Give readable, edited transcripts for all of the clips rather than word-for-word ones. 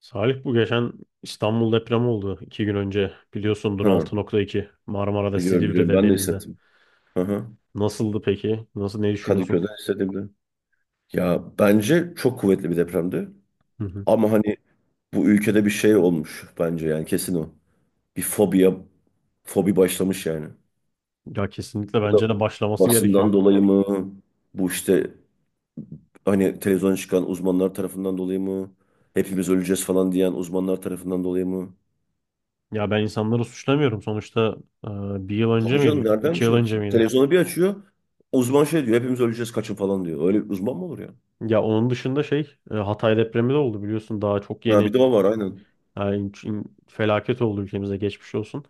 Salih, bu geçen İstanbul depremi oldu 2 gün önce biliyorsundur. Ha, 6.2, Marmara'da, biliyorum biliyorum Silivri'de, ben de denizde. hissettim. Hı hı. Nasıldı peki? Nasıl, ne düşünüyorsun? Kadıköy'de hissedildi. Ya bence çok kuvvetli bir depremdi. Hı hı. Ama hani bu ülkede bir şey olmuş bence yani kesin o. Bir fobiya, fobi başlamış yani. Ya kesinlikle Bu da bence de başlaması gerekiyor. basından dolayı mı? Bu işte hani televizyona çıkan uzmanlar tarafından dolayı mı? Hepimiz öleceğiz falan diyen uzmanlar tarafından dolayı mı? Ya ben insanları suçlamıyorum sonuçta. e, Bir yıl önce Tabii canım, miydi? nereden 2 yıl şey önce yapsın? miydi? Televizyonu bir açıyor. Uzman şey diyor, hepimiz öleceğiz kaçın falan diyor. Öyle bir uzman mı olur ya? Ya onun dışında şey, Hatay depremi de oldu biliyorsun, daha çok Ha, yeni. bir de o var aynen. Yani felaket oldu, ülkemize geçmiş olsun.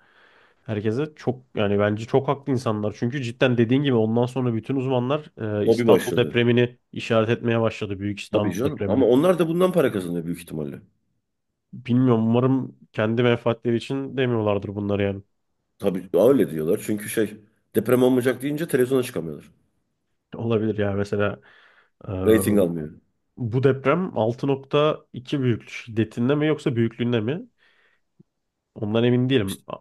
Herkese çok, yani bence çok haklı insanlar. Çünkü cidden dediğin gibi ondan sonra bütün uzmanlar Hobi İstanbul başladı. depremini işaret etmeye başladı. Büyük Tabii İstanbul canım. depremini. Ama onlar da bundan para kazanıyor büyük ihtimalle. Bilmiyorum, umarım kendi menfaatleri için demiyorlardır bunları yani. Tabii öyle diyorlar. Çünkü şey deprem olmayacak deyince televizyona çıkamıyorlar. Olabilir ya, mesela e, Rating almıyor. bu deprem 6.2 büyüklük şiddetinde mi, yoksa büyüklüğünde mi? Ondan emin değilim. İşte,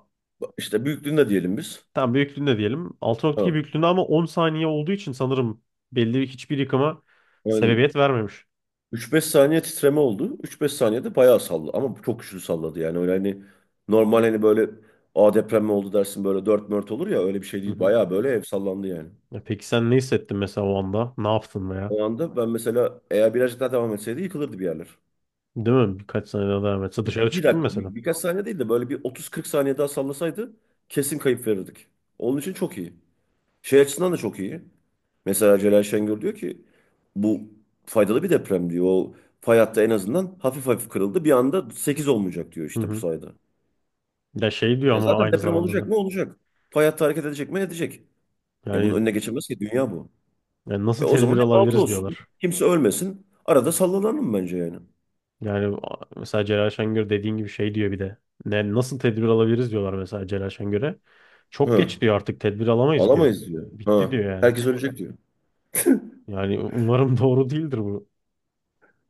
işte büyüklüğünde diyelim biz. Tam büyüklüğünde diyelim. 6.2 Ha. büyüklüğünde, ama 10 saniye olduğu için sanırım belli bir, hiçbir yıkıma Aynen. sebebiyet vermemiş. 3-5 saniye titreme oldu. 3-5 saniyede bayağı salladı. Ama çok güçlü salladı yani. Öyle hani normal hani böyle a deprem mi oldu dersin, böyle dört mört olur ya, öyle bir şey Hı değil. hı. Bayağı böyle ev sallandı yani. Ya peki, sen ne hissettin mesela o anda? Ne yaptın veya? O anda ben mesela eğer birazcık daha devam etseydi yıkılırdı bir yerler. Değil mi? Birkaç sene daha devam etse dışarı Bir çıktın dakika, mesela. bir- birkaç saniye değil de böyle bir 30-40 saniye daha sallasaydı kesin kayıp verirdik. Onun için çok iyi. Şey açısından da çok iyi. Mesela Celal Şengör diyor ki bu faydalı bir deprem diyor. O fay hattı en azından hafif hafif kırıldı. Bir anda 8 olmayacak diyor Hı işte bu hı. sayede. Ya şey diyor Ya ama zaten aynı deprem zamanda olacak da. mı olacak. Fay hattı hareket edecek mi edecek. Ya bunun Yani, önüne geçemez ki, dünya bu. yani E nasıl o zaman tedbir hep altı alabiliriz olsun. diyorlar. Kimse ölmesin. Arada sallanalım bence yani. Yani, mesela Celal Şengör, dediğin gibi şey diyor bir de. Ne, nasıl tedbir alabiliriz diyorlar mesela Celal Şengör'e? Çok Hı. geç diyor, artık tedbir alamayız diyor. Alamayız diyor. Ha. Bitti diyor yani. Herkes ölecek diyor. Yani umarım doğru değildir bu.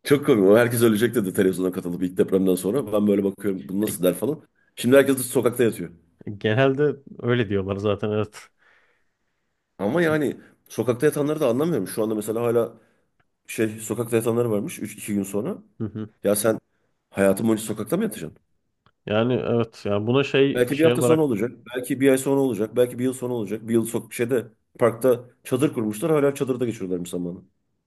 Çok komik. O herkes ölecek dedi televizyona katılıp ilk depremden sonra. Ben böyle bakıyorum, bu E, nasıl der falan. Şimdi herkes de sokakta yatıyor. Genelde öyle diyorlar zaten, evet. Ama yani sokakta yatanları da anlamıyorum. Şu anda mesela hala şey sokakta yatanları varmış 3-2 gün sonra. Hı hı. Ya sen hayatın boyunca sokakta mı yatacaksın? Yani evet, yani buna şey Belki bir şey hafta sonra olarak... olacak. Belki bir ay sonra olacak. Belki bir yıl sonra olacak. Bir yıl sok şeyde parkta çadır kurmuşlar. Hala çadırda geçiriyorlarmış zamanı.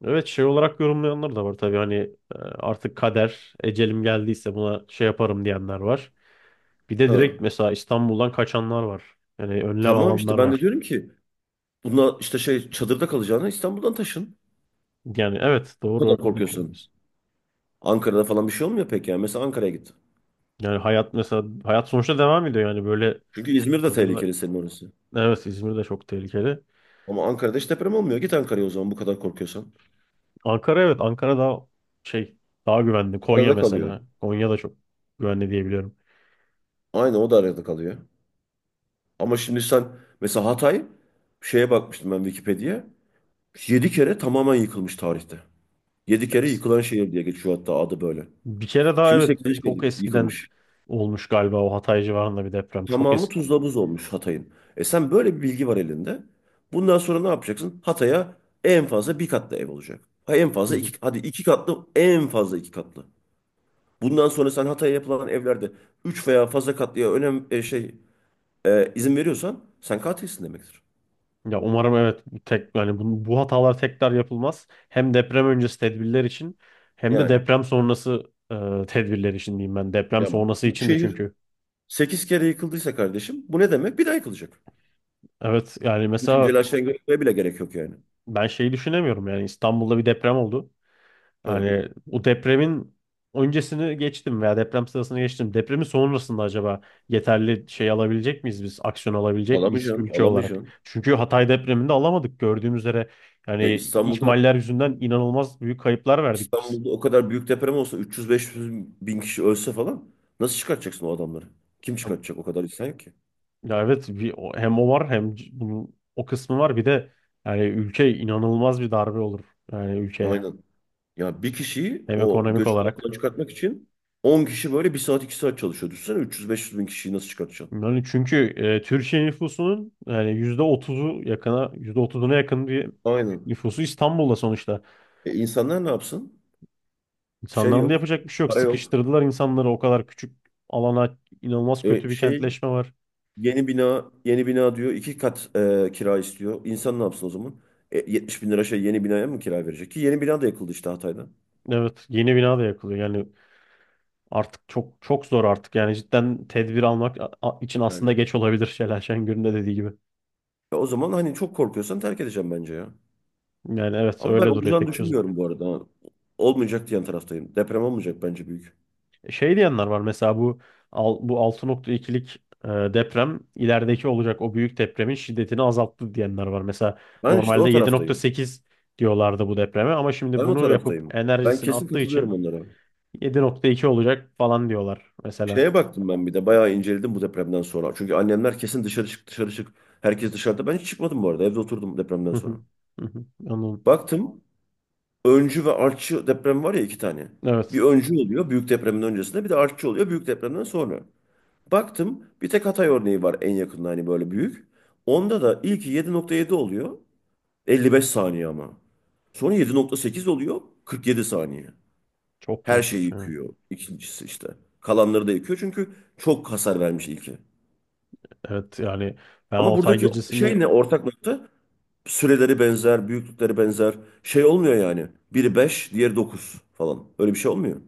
Evet, şey olarak yorumlayanlar da var tabii, hani artık kader, ecelim geldiyse buna şey yaparım diyenler var. Bir de Ha. direkt mesela İstanbul'dan kaçanlar var. Yani önlem Tamam işte, alanlar ben de var. diyorum ki buna işte şey çadırda kalacağına İstanbul'dan taşın. Yani evet, Bu doğru, kadar öyle de bir şey korkuyorsun. yapıyoruz. Ankara'da falan bir şey olmuyor pek yani. Mesela Ankara'ya git. Yani hayat, mesela hayat sonuçta devam ediyor yani, böyle Çünkü İzmir de çadırda... tehlikeli senin orası. Evet, İzmir de çok tehlikeli. Ama Ankara'da hiç deprem olmuyor. Git Ankara'ya o zaman bu kadar korkuyorsan. Ankara, evet, Ankara daha şey, daha güvenli. Konya Arada kalıyor. mesela. Konya da çok güvenli diyebiliyorum. Aynı o da arada kalıyor. Ama şimdi sen mesela Hatay şeye bakmıştım ben, Wikipedia'ya. 7 kere tamamen yıkılmış tarihte. 7 kere yıkılan şehir diye geçiyor hatta adı böyle. Bir kere daha, Şimdi evet, 8. kere çok eskiden yıkılmış. olmuş galiba o Hatay civarında bir deprem. Çok Tamamı eski. tuzla buz olmuş Hatay'ın. E sen böyle bir bilgi var elinde. Bundan sonra ne yapacaksın? Hatay'a en fazla bir katlı ev olacak. Ha, en fazla iki, hadi iki katlı, en fazla iki katlı. Bundan sonra sen Hatay'a yapılan evlerde 3 veya fazla katlıya önem izin veriyorsan sen katilsin demektir. Ya umarım, evet, bu tek. Yani bu hatalar tekrar yapılmaz. Hem deprem öncesi tedbirler için, hem de Yani deprem sonrası tedbirler için diyeyim ben. Deprem ya sonrası bu için de, şehir çünkü. 8 kere yıkıldıysa kardeşim bu ne demek? Bir daha yıkılacak. Evet, yani Bütün mesela telaştan görmeye bile gerek yok yani. ben şeyi düşünemiyorum, yani İstanbul'da bir deprem oldu. Ha. Yani o depremin öncesini geçtim veya deprem sırasını geçtim. Depremin sonrasında acaba yeterli şey alabilecek miyiz biz? Aksiyon alabilecek miyiz Alamayacaksın, ülke olarak? alamayacaksın. Çünkü Hatay depreminde alamadık gördüğümüz üzere. E, Yani İstanbul'da ihmaller yüzünden inanılmaz büyük kayıplar verdik biz. İstanbul'da o kadar büyük deprem olsa 300-500 bin kişi ölse falan nasıl çıkartacaksın o adamları? Kim çıkartacak, o kadar insan yok ki? Ya evet, bir, hem o var, hem bunun o kısmı var, bir de yani ülke inanılmaz bir darbe olur, yani ülkeye, Aynen. Ya bir kişiyi hem o ekonomik göçük olarak. altından çıkartmak için 10 kişi böyle bir saat 2 saat çalışıyor. Düşünsene 300-500 bin kişiyi nasıl çıkartacaksın? Yani çünkü Türkiye nüfusunun yani %30'una yakın bir Aynen. nüfusu İstanbul'da sonuçta. E, insanlar ne yapsın? Şey İnsanların da yok. yapacak bir şey yok. Para yok. Sıkıştırdılar insanları o kadar küçük alana, inanılmaz E, kötü bir şey kentleşme var. yeni bina yeni bina diyor. İki kat kira istiyor. İnsan ne yapsın o zaman? E, 70 bin lira şey yeni binaya mı kira verecek? Ki yeni bina da yakıldı işte Hatay'da. Evet, yeni bina da yakılıyor yani. Artık çok çok zor artık, yani cidden tedbir almak için Yani. aslında geç olabilir, Şelal Şengör'ün de dediği gibi. E, o zaman hani çok korkuyorsan terk edeceğim bence ya. Yani evet, Ama ben öyle duruyor olacağını tek çözüm. düşünmüyorum bu arada. Olmayacak diyen taraftayım. Deprem olmayacak bence büyük. Şey diyenler var, mesela bu bu 6,2'lik deprem, ilerideki olacak o büyük depremin şiddetini azalttı diyenler var. Mesela Ben işte normalde o yedi nokta taraftayım. sekiz diyorlardı bu depreme, ama şimdi Ben o bunu yapıp taraftayım. Ben enerjisini kesin attığı katılıyorum için onlara. 7,2 olacak falan diyorlar mesela. Şeye baktım ben bir de bayağı inceledim bu depremden sonra. Çünkü annemler kesin dışarı çık dışarı çık. Herkes dışarıda. Ben hiç çıkmadım bu arada. Evde oturdum depremden Hı sonra. hı. Hı hı. Anladım. Baktım öncü ve artçı deprem var ya, iki tane. Bir Evet. öncü oluyor büyük depremin öncesinde, bir de artçı oluyor büyük depremden sonra. Baktım bir tek Hatay örneği var en yakında hani böyle büyük. Onda da ilki 7.7 oluyor. 55 saniye ama. Sonra 7.8 oluyor, 47 saniye. Çok Her şeyi korkunç yani. yıkıyor. İkincisi işte. Kalanları da yıkıyor çünkü çok hasar vermiş ilki. Evet, yani ben Ama Altay buradaki gecesini, şey ne ortak nokta? Süreleri benzer, büyüklükleri benzer. Şey olmuyor yani. Biri 5 diğeri 9 falan. Öyle bir şey olmuyor.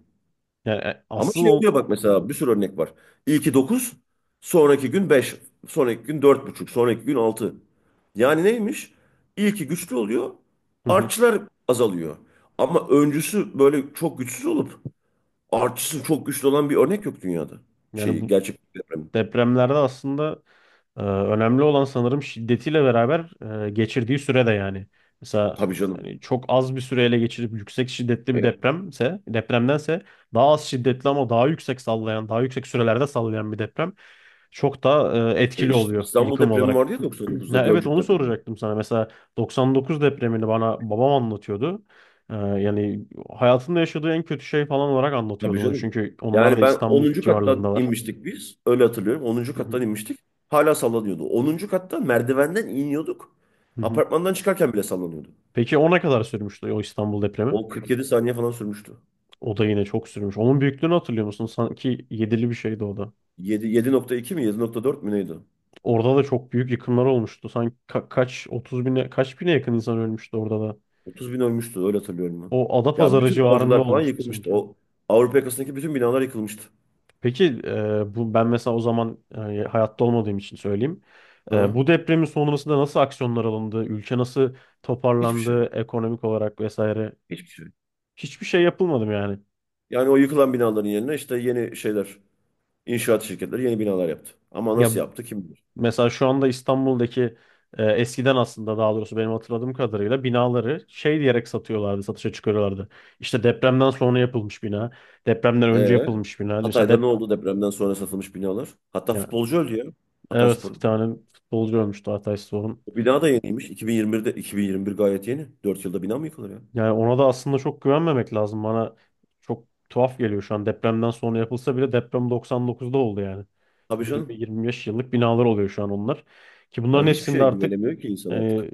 yani Ama asıl şey oluyor, bak mesela bir sürü örnek var. İlki dokuz, sonraki gün beş, sonraki gün dört buçuk, sonraki gün altı. Yani neymiş? İlki güçlü oluyor, Hı hı. artçılar azalıyor. Ama öncüsü böyle çok güçsüz olup artısı çok güçlü olan bir örnek yok dünyada. Yani Şeyi bu gerçek bir deprem. depremlerde aslında, önemli olan sanırım şiddetiyle beraber geçirdiği süre de yani. Mesela, Tabii canım. hani çok az bir süreyle geçirip yüksek şiddetli bir E, depremse, depremdense daha az şiddetli ama daha yüksek sallayan, daha yüksek sürelerde sallayan bir deprem çok daha etkili oluyor İstanbul yıkım depremi olarak. vardı ya 99'da, Ya evet, Gölcük onu depremi. soracaktım sana. Mesela 99 depremini bana babam anlatıyordu. Yani hayatında yaşadığı en kötü şey falan olarak Tabii anlatıyordu onu, canım. çünkü onlar Yani da ben İstanbul onuncu kattan civarlarındalar. inmiştik biz. Öyle hatırlıyorum, onuncu Hı kattan hı. inmiştik. Hala sallanıyordu. Onuncu katta merdivenden iniyorduk. Hı hı. Apartmandan çıkarken bile sallanıyordu. Peki o ne kadar sürmüştü, o İstanbul depremi? O 47 saniye falan sürmüştü. O da yine çok sürmüş. Onun büyüklüğünü hatırlıyor musun? Sanki yedili bir şeydi o da. 7, 7.2 mi 7.4 mü neydi? Orada da çok büyük yıkımlar olmuştu. Sanki kaç, 30 bine, kaç bine yakın insan ölmüştü orada da. 30 bin ölmüştü öyle hatırlıyorum ben. O Ya Adapazarı bütün civarında avcılar falan olmuştu yıkılmıştı. sanki. O Avrupa yakasındaki bütün binalar yıkılmıştı. Peki bu, ben mesela o zaman, hayatta olmadığım için söyleyeyim. Ha? Bu depremin sonrasında nasıl aksiyonlar alındı? Ülke nasıl Hiçbir toparlandı şey. ekonomik olarak vesaire? Hiçbir şey yok. Hiçbir şey yapılmadı mı yani? Yani o yıkılan binaların yerine işte yeni şeyler, inşaat şirketleri yeni binalar yaptı. Ama Ya nasıl yaptı kim bilir. mesela şu anda İstanbul'daki, eskiden aslında, daha doğrusu benim hatırladığım kadarıyla binaları şey diyerek satıyorlardı, satışa çıkarıyorlardı. İşte, depremden sonra yapılmış bina, depremden önce Ee, yapılmış bina. Mesela Hatay'da ne oldu depremden sonra satılmış binalar? Hatta yani futbolcu öldü ya. evet, bir Hatayspor'un. tane futbolcu ölmüştü Altay Spor'un. O bina da yeniymiş. 2021'de, 2021 gayet yeni. 4 yılda bina mı yıkılır ya? Yani ona da aslında çok güvenmemek lazım. Bana çok tuhaf geliyor şu an. Depremden sonra yapılsa bile deprem 99'da oldu yani. Tabii canım. 20-25 yıllık binalar oluyor şu an onlar. Ki Ya bunların hiçbir hepsinde şeye artık... güvenemiyor ki insan Yani artık.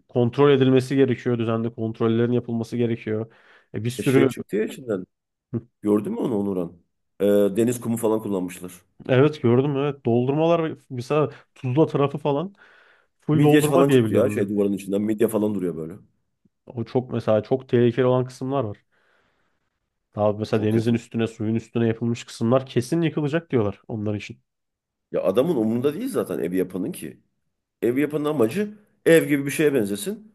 kontrol edilmesi gerekiyor. Düzenli kontrollerin yapılması gerekiyor. Bir E şey sürü... çıktı ya içinden. Gördün mü onu Onuran? Ee, deniz kumu falan kullanmışlar. Evet, gördüm, evet. Doldurmalar mesela, Tuzla tarafı falan full Midye doldurma falan diye çıktı ya biliyorum şey ben. duvarın içinden. Midye falan duruyor böyle. O çok, mesela çok tehlikeli olan kısımlar var. Daha mesela Çok denizin kötü. üstüne, suyun üstüne yapılmış kısımlar kesin yıkılacak diyorlar onlar için. Ya adamın umurunda değil zaten evi yapanın ki. Ev yapının amacı ev gibi bir şeye benzesin.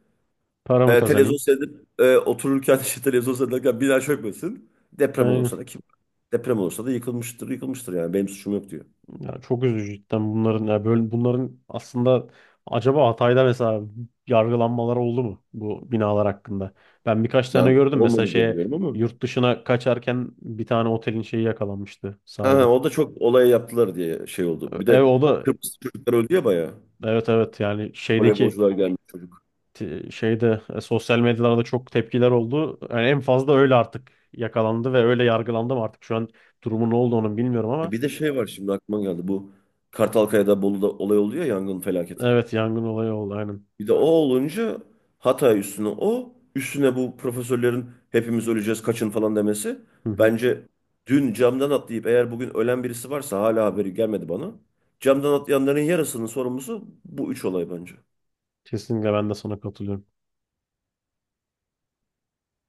Para mı E, televizyon kazanayım? seyredip otururken işte televizyon seyrederken bina çökmesin. Deprem olursa da kim? Deprem olursa da yıkılmıştır, yıkılmıştır yani benim suçum yok diyor. Ya çok üzücü cidden bunların, ya böyle bunların aslında acaba Hatay'da mesela yargılanmaları oldu mu bu binalar hakkında? Ben birkaç tane Ben gördüm, mesela olmadı diye şeye, biliyorum ama. yurt dışına kaçarken bir tane otelin şeyi yakalanmıştı, Ha, ha, sahibi. o da çok olay yaptılar diye şey oldu. Bir de O da, Kıbrıs çocuklar öldü ya bayağı. evet, evet, yani şeydeki, Voleybolcular gelmiş çocuk. Şeyde, sosyal medyalarda çok tepkiler oldu. Yani en fazla öyle artık yakalandı ve öyle yargılandı mı, artık şu an durumu ne oldu onun bilmiyorum, ama E, bir de şey var şimdi aklıma geldi, bu Kartalkaya'da, Bolu'da olay oluyor ya, yangın felaketi. evet, yangın olayı oldu, aynen. Bir de o olunca Hatay üstüne, o üstüne bu profesörlerin hepimiz öleceğiz kaçın falan demesi. Hı hı. Bence dün camdan atlayıp eğer bugün ölen birisi varsa hala haberi gelmedi bana. Camdan atlayanların yarısının sorumlusu bu üç olay bence. Kesinlikle ben de sana katılıyorum.